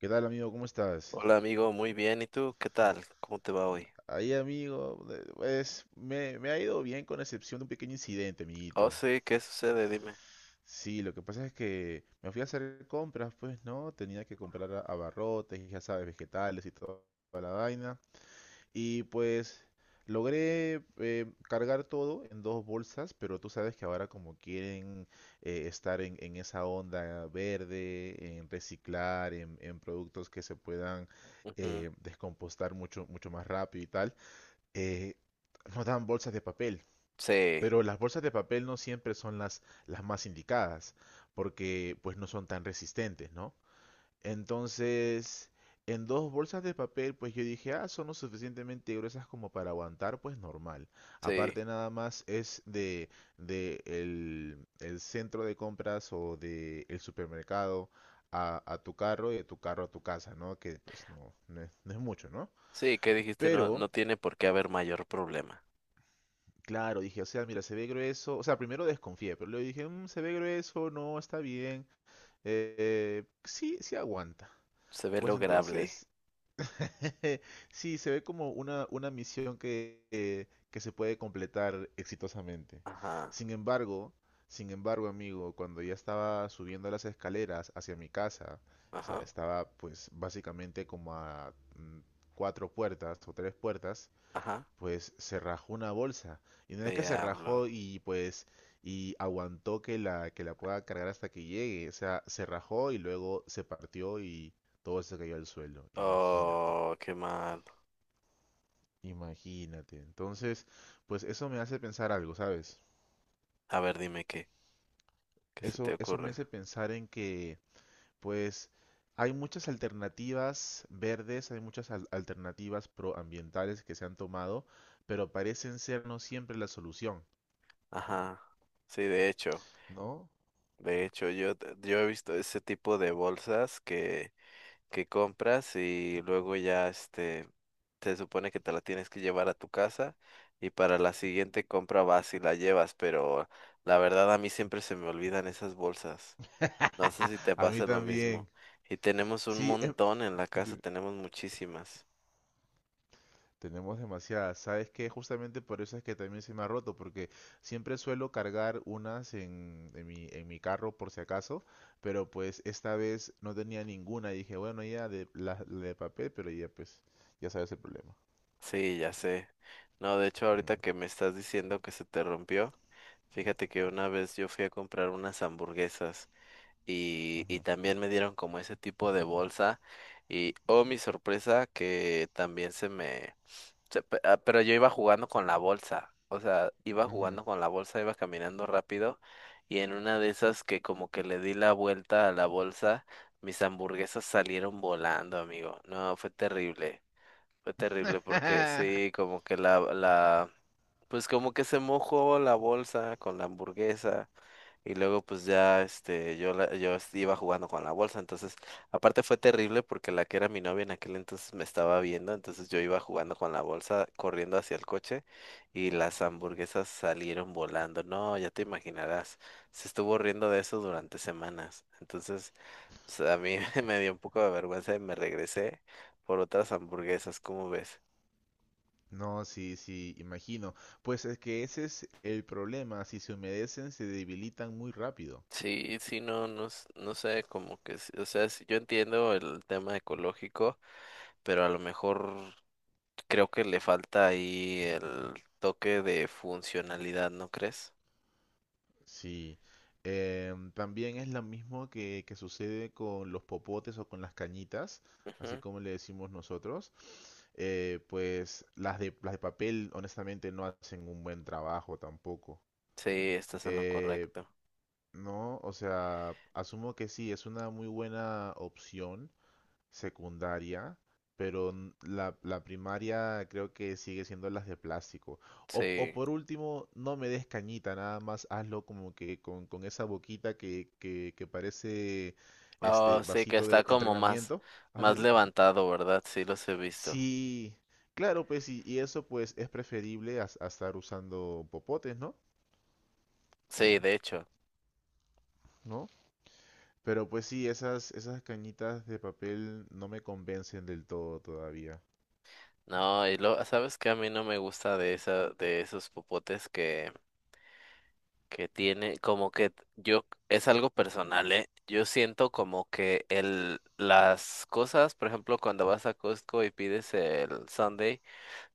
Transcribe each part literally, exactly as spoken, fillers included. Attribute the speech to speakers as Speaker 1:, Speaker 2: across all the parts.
Speaker 1: ¿Qué tal, amigo? ¿Cómo estás?
Speaker 2: Hola amigo, muy bien. ¿Y tú? ¿Qué tal? ¿Cómo te va hoy?
Speaker 1: Ahí, amigo, de- pues me, me ha ido bien con excepción de un pequeño incidente,
Speaker 2: Oh,
Speaker 1: amiguito.
Speaker 2: sí, ¿qué sucede? Dime.
Speaker 1: Sí, lo que pasa es que me fui a hacer compras, pues, ¿no? Tenía que comprar a- abarrotes, y ya sabes, vegetales y to- toda la vaina. Y pues logré eh, cargar todo en dos bolsas, pero tú sabes que ahora como quieren eh, estar en, en esa onda verde, en reciclar, en, en productos que se puedan
Speaker 2: Ujú.
Speaker 1: eh, descompostar mucho, mucho más rápido y tal. eh, Nos dan bolsas de papel,
Speaker 2: Sí,
Speaker 1: pero las bolsas de papel no siempre son las, las más indicadas, porque pues no son tan resistentes, ¿no? Entonces, en dos bolsas de papel, pues yo dije, ah, son lo suficientemente gruesas como para aguantar, pues normal.
Speaker 2: sí,
Speaker 1: Aparte nada más es de, de el, el centro de compras o de el supermercado a, a tu carro y de tu carro a tu casa, ¿no? Que pues no, no es, no es mucho, ¿no?
Speaker 2: sí, ¿qué dijiste? No,
Speaker 1: Pero
Speaker 2: no tiene por qué haber mayor problema.
Speaker 1: claro, dije, o sea, mira, se ve grueso. O sea, primero desconfié, pero luego dije, "Mm, se ve grueso, no, está bien. Eh, sí, sí aguanta.
Speaker 2: Se ve
Speaker 1: Pues
Speaker 2: lograble.
Speaker 1: entonces, sí, se ve como una, una misión que, eh, que se puede completar exitosamente.
Speaker 2: Ajá,
Speaker 1: Sin embargo, sin embargo, amigo, cuando ya estaba subiendo las escaleras hacia mi casa, o sea,
Speaker 2: ajá,
Speaker 1: estaba pues básicamente como a mm, cuatro puertas o tres puertas,
Speaker 2: ajá.
Speaker 1: pues se rajó una bolsa. Y no es que se
Speaker 2: Diablo.
Speaker 1: rajó y pues y aguantó que la que la pueda cargar hasta que llegue, o sea, se rajó y luego se partió y todo se cayó al suelo. Imagínate,
Speaker 2: Oh, qué mal.
Speaker 1: imagínate. Entonces, pues eso me hace pensar algo, ¿sabes?
Speaker 2: A ver, dime qué, qué se te
Speaker 1: Eso eso me
Speaker 2: ocurre.
Speaker 1: hace pensar en que pues hay muchas alternativas verdes, hay muchas al- alternativas proambientales que se han tomado, pero parecen ser no siempre la solución,
Speaker 2: Ajá. Sí, de hecho,
Speaker 1: ¿no?
Speaker 2: de hecho, yo, yo he visto ese tipo de bolsas que que compras y luego ya este se supone que te la tienes que llevar a tu casa y para la siguiente compra vas y la llevas, pero la verdad a mí siempre se me olvidan esas bolsas. No sé si te
Speaker 1: A mí
Speaker 2: pasa lo mismo.
Speaker 1: también.
Speaker 2: Y tenemos un
Speaker 1: Sí, em,
Speaker 2: montón en la casa,
Speaker 1: de-
Speaker 2: tenemos muchísimas.
Speaker 1: tenemos demasiadas. ¿Sabes qué? Justamente por eso es que también se me ha roto, porque siempre suelo cargar unas en, en mi, en mi carro por si acaso, pero pues esta vez no tenía ninguna. Y dije, bueno, ya de, la, la de papel, pero ya pues, ya sabes el problema.
Speaker 2: Sí, ya sé. No, de hecho ahorita
Speaker 1: Mm,
Speaker 2: que me estás diciendo que se te rompió, fíjate que una vez yo fui a comprar unas hamburguesas. y, y
Speaker 1: ujú,
Speaker 2: también me dieron como ese tipo de bolsa y oh mi sorpresa que también se me se pe- ah, pero yo iba jugando con la bolsa, o sea, iba
Speaker 1: ujú.
Speaker 2: jugando con la bolsa, iba caminando rápido y en una de esas que como que le di la vuelta a la bolsa, mis hamburguesas salieron volando, amigo. No, fue terrible. Fue terrible porque sí, como que la la pues como que se mojó la bolsa con la hamburguesa. Y luego pues ya este yo la- yo es- iba jugando con la bolsa, entonces aparte fue terrible porque la que era mi novia en aquel entonces me estaba viendo, entonces yo iba jugando con la bolsa corriendo hacia el coche y las hamburguesas salieron volando. No, ya te imaginarás. Se estuvo riendo de eso durante semanas. Entonces, pues, a mí me dio un poco de vergüenza y me regresé por otras hamburguesas, ¿cómo ves?
Speaker 1: No, sí, sí, imagino. Pues es que ese es el problema. Si se humedecen, se debilitan muy rápido.
Speaker 2: Sí, sí, no, no, s- no sé, como que, s- o sea, sí, yo entiendo el tema ecológico, pero a lo mejor creo que le falta ahí el toque de funcionalidad, ¿no crees?
Speaker 1: Sí, em, también es lo mismo que, que sucede con los popotes o con las cañitas, así
Speaker 2: Ujú.
Speaker 1: como le decimos nosotros. Eh, pues las de, las de papel, honestamente, no hacen un buen trabajo tampoco.
Speaker 2: Sí, estás en lo
Speaker 1: Eh,
Speaker 2: correcto.
Speaker 1: no, o sea, asumo que sí, es una muy buena opción secundaria, pero n- la, la primaria creo que sigue siendo las de plástico. O, o
Speaker 2: Sí.
Speaker 1: por último, no me des cañita, nada más hazlo como que con, con esa boquita que, que, que parece
Speaker 2: Oh,
Speaker 1: este
Speaker 2: sí, que
Speaker 1: vasito
Speaker 2: está
Speaker 1: de
Speaker 2: como más,
Speaker 1: entrenamiento. ¿Has
Speaker 2: más
Speaker 1: visto?
Speaker 2: levantado, ¿verdad? Sí, los he visto.
Speaker 1: Sí, claro, pues y, y eso pues es preferible a, a estar usando popotes, ¿no?
Speaker 2: Sí, de hecho.
Speaker 1: ¿No? Pero pues sí, esas, esas cañitas de papel no me convencen del todo todavía.
Speaker 2: No, y lo, ¿sabes qué? A mí no me gusta de esa, de esos popotes que, que tiene, como que yo, es algo personal, ¿eh? Yo siento como que el, las cosas, por ejemplo, cuando vas a Costco y pides el sundae.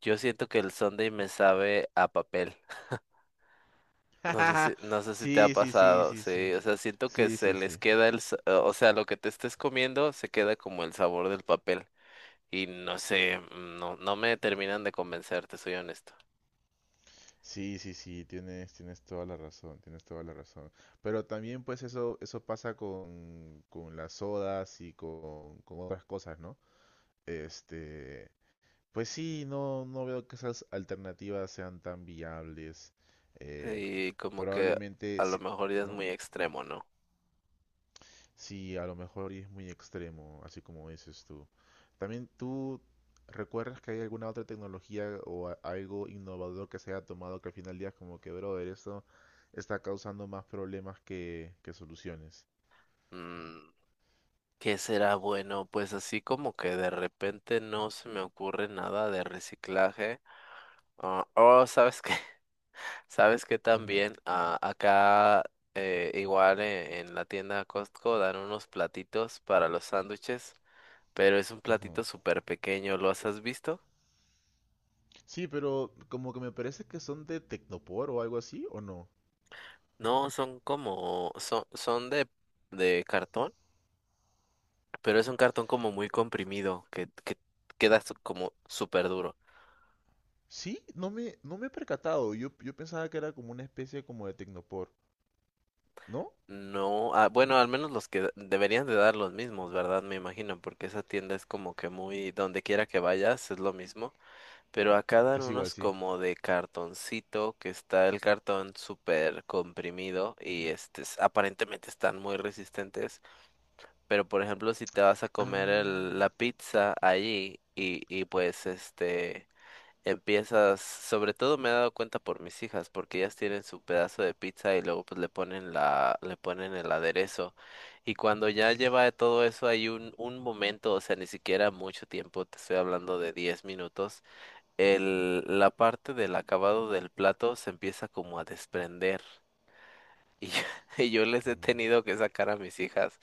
Speaker 2: Yo siento que el Sunday me sabe a papel. No sé si, no sé si te ha
Speaker 1: Sí, sí, sí,
Speaker 2: pasado,
Speaker 1: sí,
Speaker 2: sí.
Speaker 1: sí.
Speaker 2: O sea, siento que
Speaker 1: Sí,
Speaker 2: se
Speaker 1: sí,
Speaker 2: les
Speaker 1: sí.
Speaker 2: queda el, sa- o sea, lo que te estés comiendo se queda como el sabor del papel. Y no sé, mm, no, no me terminan de convencer, te soy honesto.
Speaker 1: Sí, sí, sí, tienes, tienes toda la razón, tienes toda la razón. Pero también pues eso, eso pasa con, con las sodas y con, con otras cosas, ¿no? Este, pues sí, no, no veo que esas alternativas sean tan viables. Eh,
Speaker 2: Sí, como que a
Speaker 1: Probablemente,
Speaker 2: lo
Speaker 1: sí,
Speaker 2: mejor ya es
Speaker 1: ¿no?
Speaker 2: muy extremo, ¿no?
Speaker 1: Sí, a lo mejor y es muy extremo, así como dices tú. También tú recuerdas que hay alguna otra tecnología o a- algo innovador que se haya tomado que al final del día es como que, brother, esto está causando más problemas que, que soluciones.
Speaker 2: Mm, ¿qué será bueno? Pues así como que de repente no se me ocurre nada de reciclaje. Ah, oh, ¿sabes qué? Sabes que
Speaker 1: Ujú,
Speaker 2: también ah, acá eh, igual eh, en la tienda Costco dan unos platitos para los sándwiches, pero es un
Speaker 1: ujú.
Speaker 2: platito súper pequeño, ¿los has visto?
Speaker 1: Sí, pero como que me parece que son de Tecnopor o algo así, ¿o no?
Speaker 2: No, son como, son, son de, de cartón, pero es un cartón como muy comprimido, que, que queda su- como súper duro.
Speaker 1: Sí, no me, no me he percatado. Yo, yo pensaba que era como una especie como de Tecnopor, ¿no?
Speaker 2: No, ah, bueno, al menos los que da- deberían de dar los mismos, ¿verdad? Me imagino, porque esa tienda es como que muy, donde quiera que vayas, es lo mismo. Pero acá dan
Speaker 1: Es igual,
Speaker 2: unos
Speaker 1: sí.
Speaker 2: como de cartoncito, que está el cartón súper comprimido y este, s- aparentemente están muy resistentes. Pero por ejemplo, si te vas a comer
Speaker 1: Ah.
Speaker 2: el- la pizza allí y, y pues este, empiezas, sobre todo me he dado cuenta por mis hijas, porque ellas tienen su pedazo de pizza y luego pues le ponen la, le ponen el aderezo. Y cuando ya lleva todo eso hay un, un momento, o sea, ni siquiera mucho tiempo, te estoy hablando de diez minutos el, la parte del acabado del plato se empieza como a desprender. Y, yo- y yo les he
Speaker 1: Mm.
Speaker 2: tenido que sacar a mis hijas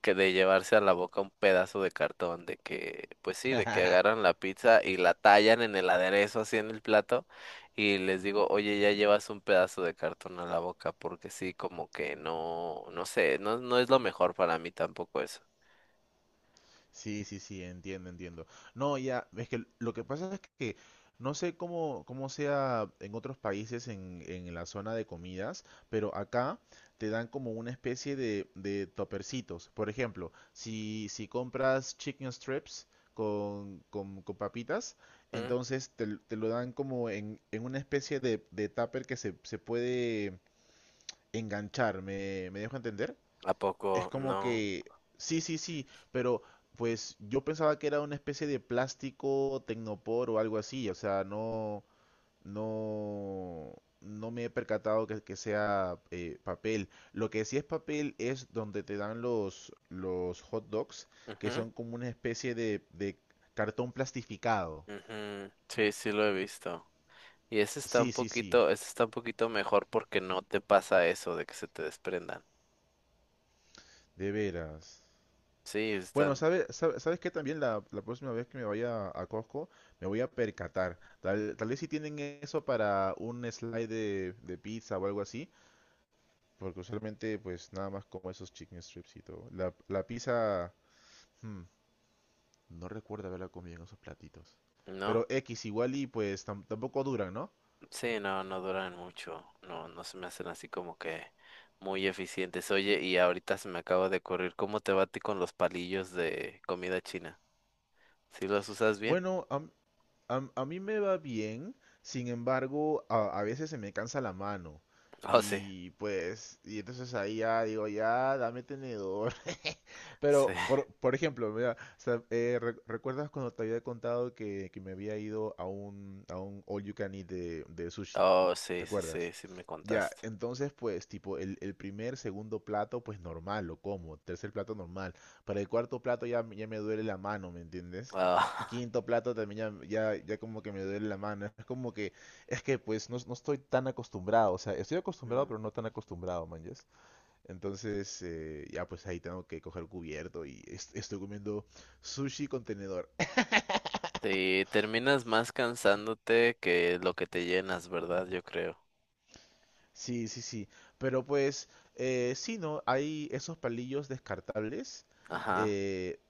Speaker 2: que de llevarse a la boca un pedazo de cartón, de que, pues sí, de que agarran la pizza y la tallan en el aderezo así en el plato y les digo, oye, ya llevas un pedazo de cartón a la boca, porque sí, como que no, no sé, no, no es lo mejor para mí tampoco eso.
Speaker 1: Sí, sí, sí, entiendo, entiendo. No, ya, es que lo que pasa es que no sé cómo, cómo sea en otros países en, en la zona de comidas, pero acá te dan como una especie de, de topercitos. Por ejemplo, si, si compras chicken strips con, con, con papitas,
Speaker 2: ¿Mm?
Speaker 1: entonces te, l- te lo dan como en, en una especie de, de tupper que se, se puede enganchar. ¿Me, me dejo entender?
Speaker 2: ¿A
Speaker 1: Es
Speaker 2: poco
Speaker 1: como
Speaker 2: no?
Speaker 1: que, sí, sí, sí, pero pues yo pensaba que era una especie de plástico tecnopor o algo así, o sea, no, no, no me he percatado que, que sea eh, papel. Lo que sí es papel es donde te dan los, los hot dogs, que
Speaker 2: Ujú,
Speaker 1: son como una especie de, de cartón plastificado.
Speaker 2: ujú. Sí, sí lo he visto. Y ese está un
Speaker 1: Sí, sí, sí,
Speaker 2: poquito, ese está un poquito mejor porque no te pasa eso de que se te desprendan.
Speaker 1: de veras.
Speaker 2: Sí,
Speaker 1: Bueno,
Speaker 2: están,
Speaker 1: ¿sabes sabe, ¿sabes que también la, la próxima vez que me vaya a Costco me voy a percatar? Tal, tal vez si tienen eso para un slide de, de pizza o algo así, porque usualmente pues nada más como esos chicken strips y todo. La, la pizza, hmm, no recuerdo haberla comido en esos platitos.
Speaker 2: ¿no?
Speaker 1: Pero X igual y pues tam- tampoco duran, ¿no?
Speaker 2: Sí, no, no duran mucho. No, no se me hacen así como que muy eficientes. Oye, y ahorita se me acaba de ocurrir, ¿cómo te va a ti con los palillos de comida china? ¿Sí los usas bien?
Speaker 1: Bueno, am- am- a mí me va bien, sin embargo, a, a veces se me cansa la mano.
Speaker 2: Oh, sí.
Speaker 1: Y pues, y entonces ahí ya digo, ya, dame tenedor.
Speaker 2: Sí.
Speaker 1: Pero, por, por ejemplo, mira, o sea, eh, re- ¿recuerdas cuando te había contado que, que me había ido a un, a un all you can eat de, de sushi?
Speaker 2: Oh, sí,
Speaker 1: ¿Te
Speaker 2: sí, sí,
Speaker 1: acuerdas?
Speaker 2: sí me
Speaker 1: Ya,
Speaker 2: contaste.
Speaker 1: entonces pues tipo el, el primer, segundo plato pues normal, lo como, tercer plato normal, para el cuarto plato ya, ya me duele la mano, ¿me entiendes?
Speaker 2: Ah,
Speaker 1: Quinto plato también ya, ya, ya como que me duele la mano, es como que, es que pues no, no estoy tan acostumbrado, o sea, estoy acostumbrado
Speaker 2: mm.
Speaker 1: pero no tan acostumbrado, man, ¿yes? Entonces, eh, ya pues ahí tengo que coger cubierto y est- estoy comiendo sushi con tenedor.
Speaker 2: Sí, terminas más cansándote que lo que te llenas, ¿verdad? Yo creo.
Speaker 1: Sí, sí, sí. Pero pues, eh, sí, ¿no? Hay esos palillos descartables,
Speaker 2: Ajá.
Speaker 1: eh,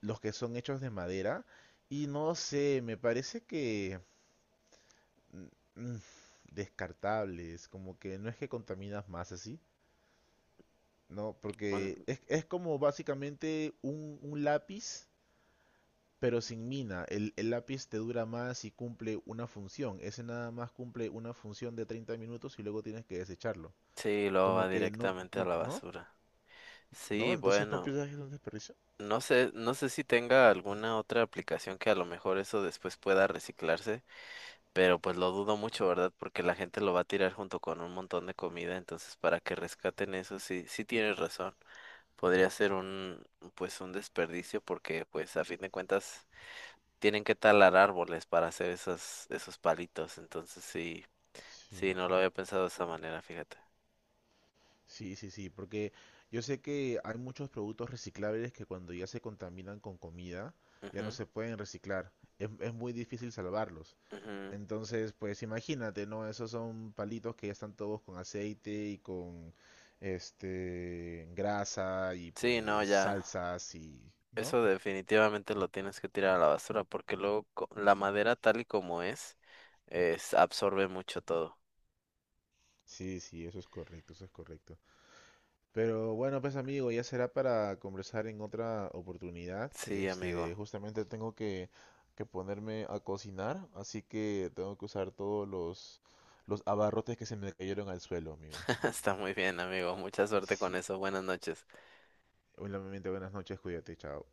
Speaker 1: los que son hechos de madera. Y no sé, me parece que... mm, mm, descartables, como que no es que contaminas más así, ¿no?
Speaker 2: Bueno,
Speaker 1: Porque es, es como básicamente un, un lápiz. Pero sin mina, el, el lápiz te dura más y cumple una función. Ese nada más cumple una función de treinta minutos y luego tienes que desecharlo.
Speaker 2: sí, lo va
Speaker 1: Como que no,
Speaker 2: directamente a
Speaker 1: no,
Speaker 2: la
Speaker 1: no,
Speaker 2: basura.
Speaker 1: no,
Speaker 2: Sí,
Speaker 1: entonces no
Speaker 2: bueno,
Speaker 1: piensas que es un desperdicio.
Speaker 2: no sé, no sé si tenga alguna otra aplicación que a lo mejor eso después pueda reciclarse, pero pues lo dudo mucho, ¿verdad? Porque la gente lo va a tirar junto con un montón de comida, entonces para que rescaten eso, sí, sí tienes razón. Podría ser un, pues un desperdicio porque pues a fin de cuentas tienen que talar árboles para hacer esos, esos palitos, entonces sí, sí,
Speaker 1: Sí,
Speaker 2: no lo había pensado de esa manera, fíjate.
Speaker 1: sí, sí, sí, porque yo sé que hay muchos productos reciclables que cuando ya se contaminan con comida, ya no
Speaker 2: Ujú,
Speaker 1: se pueden reciclar. Es, es muy difícil salvarlos.
Speaker 2: ujú.
Speaker 1: Entonces, pues imagínate, ¿no? Esos son palitos que ya están todos con aceite y con este grasa y
Speaker 2: Sí, no,
Speaker 1: pues
Speaker 2: ya.
Speaker 1: salsas y, ¿no?
Speaker 2: Eso definitivamente lo tienes que tirar a la basura porque luego co- la madera tal y como es, es absorbe mucho todo.
Speaker 1: Sí, sí, eso es correcto, eso es correcto. Pero bueno, pues amigo, ya será para conversar en otra oportunidad.
Speaker 2: Sí,
Speaker 1: Este,
Speaker 2: amigo.
Speaker 1: justamente tengo que, que ponerme a cocinar, así que tengo que usar todos los, los abarrotes que se me cayeron al suelo, amigo.
Speaker 2: Está muy bien, amigo. Mucha suerte con
Speaker 1: Sí.
Speaker 2: eso. Buenas noches.
Speaker 1: Obviamente, buenas noches, cuídate, chao.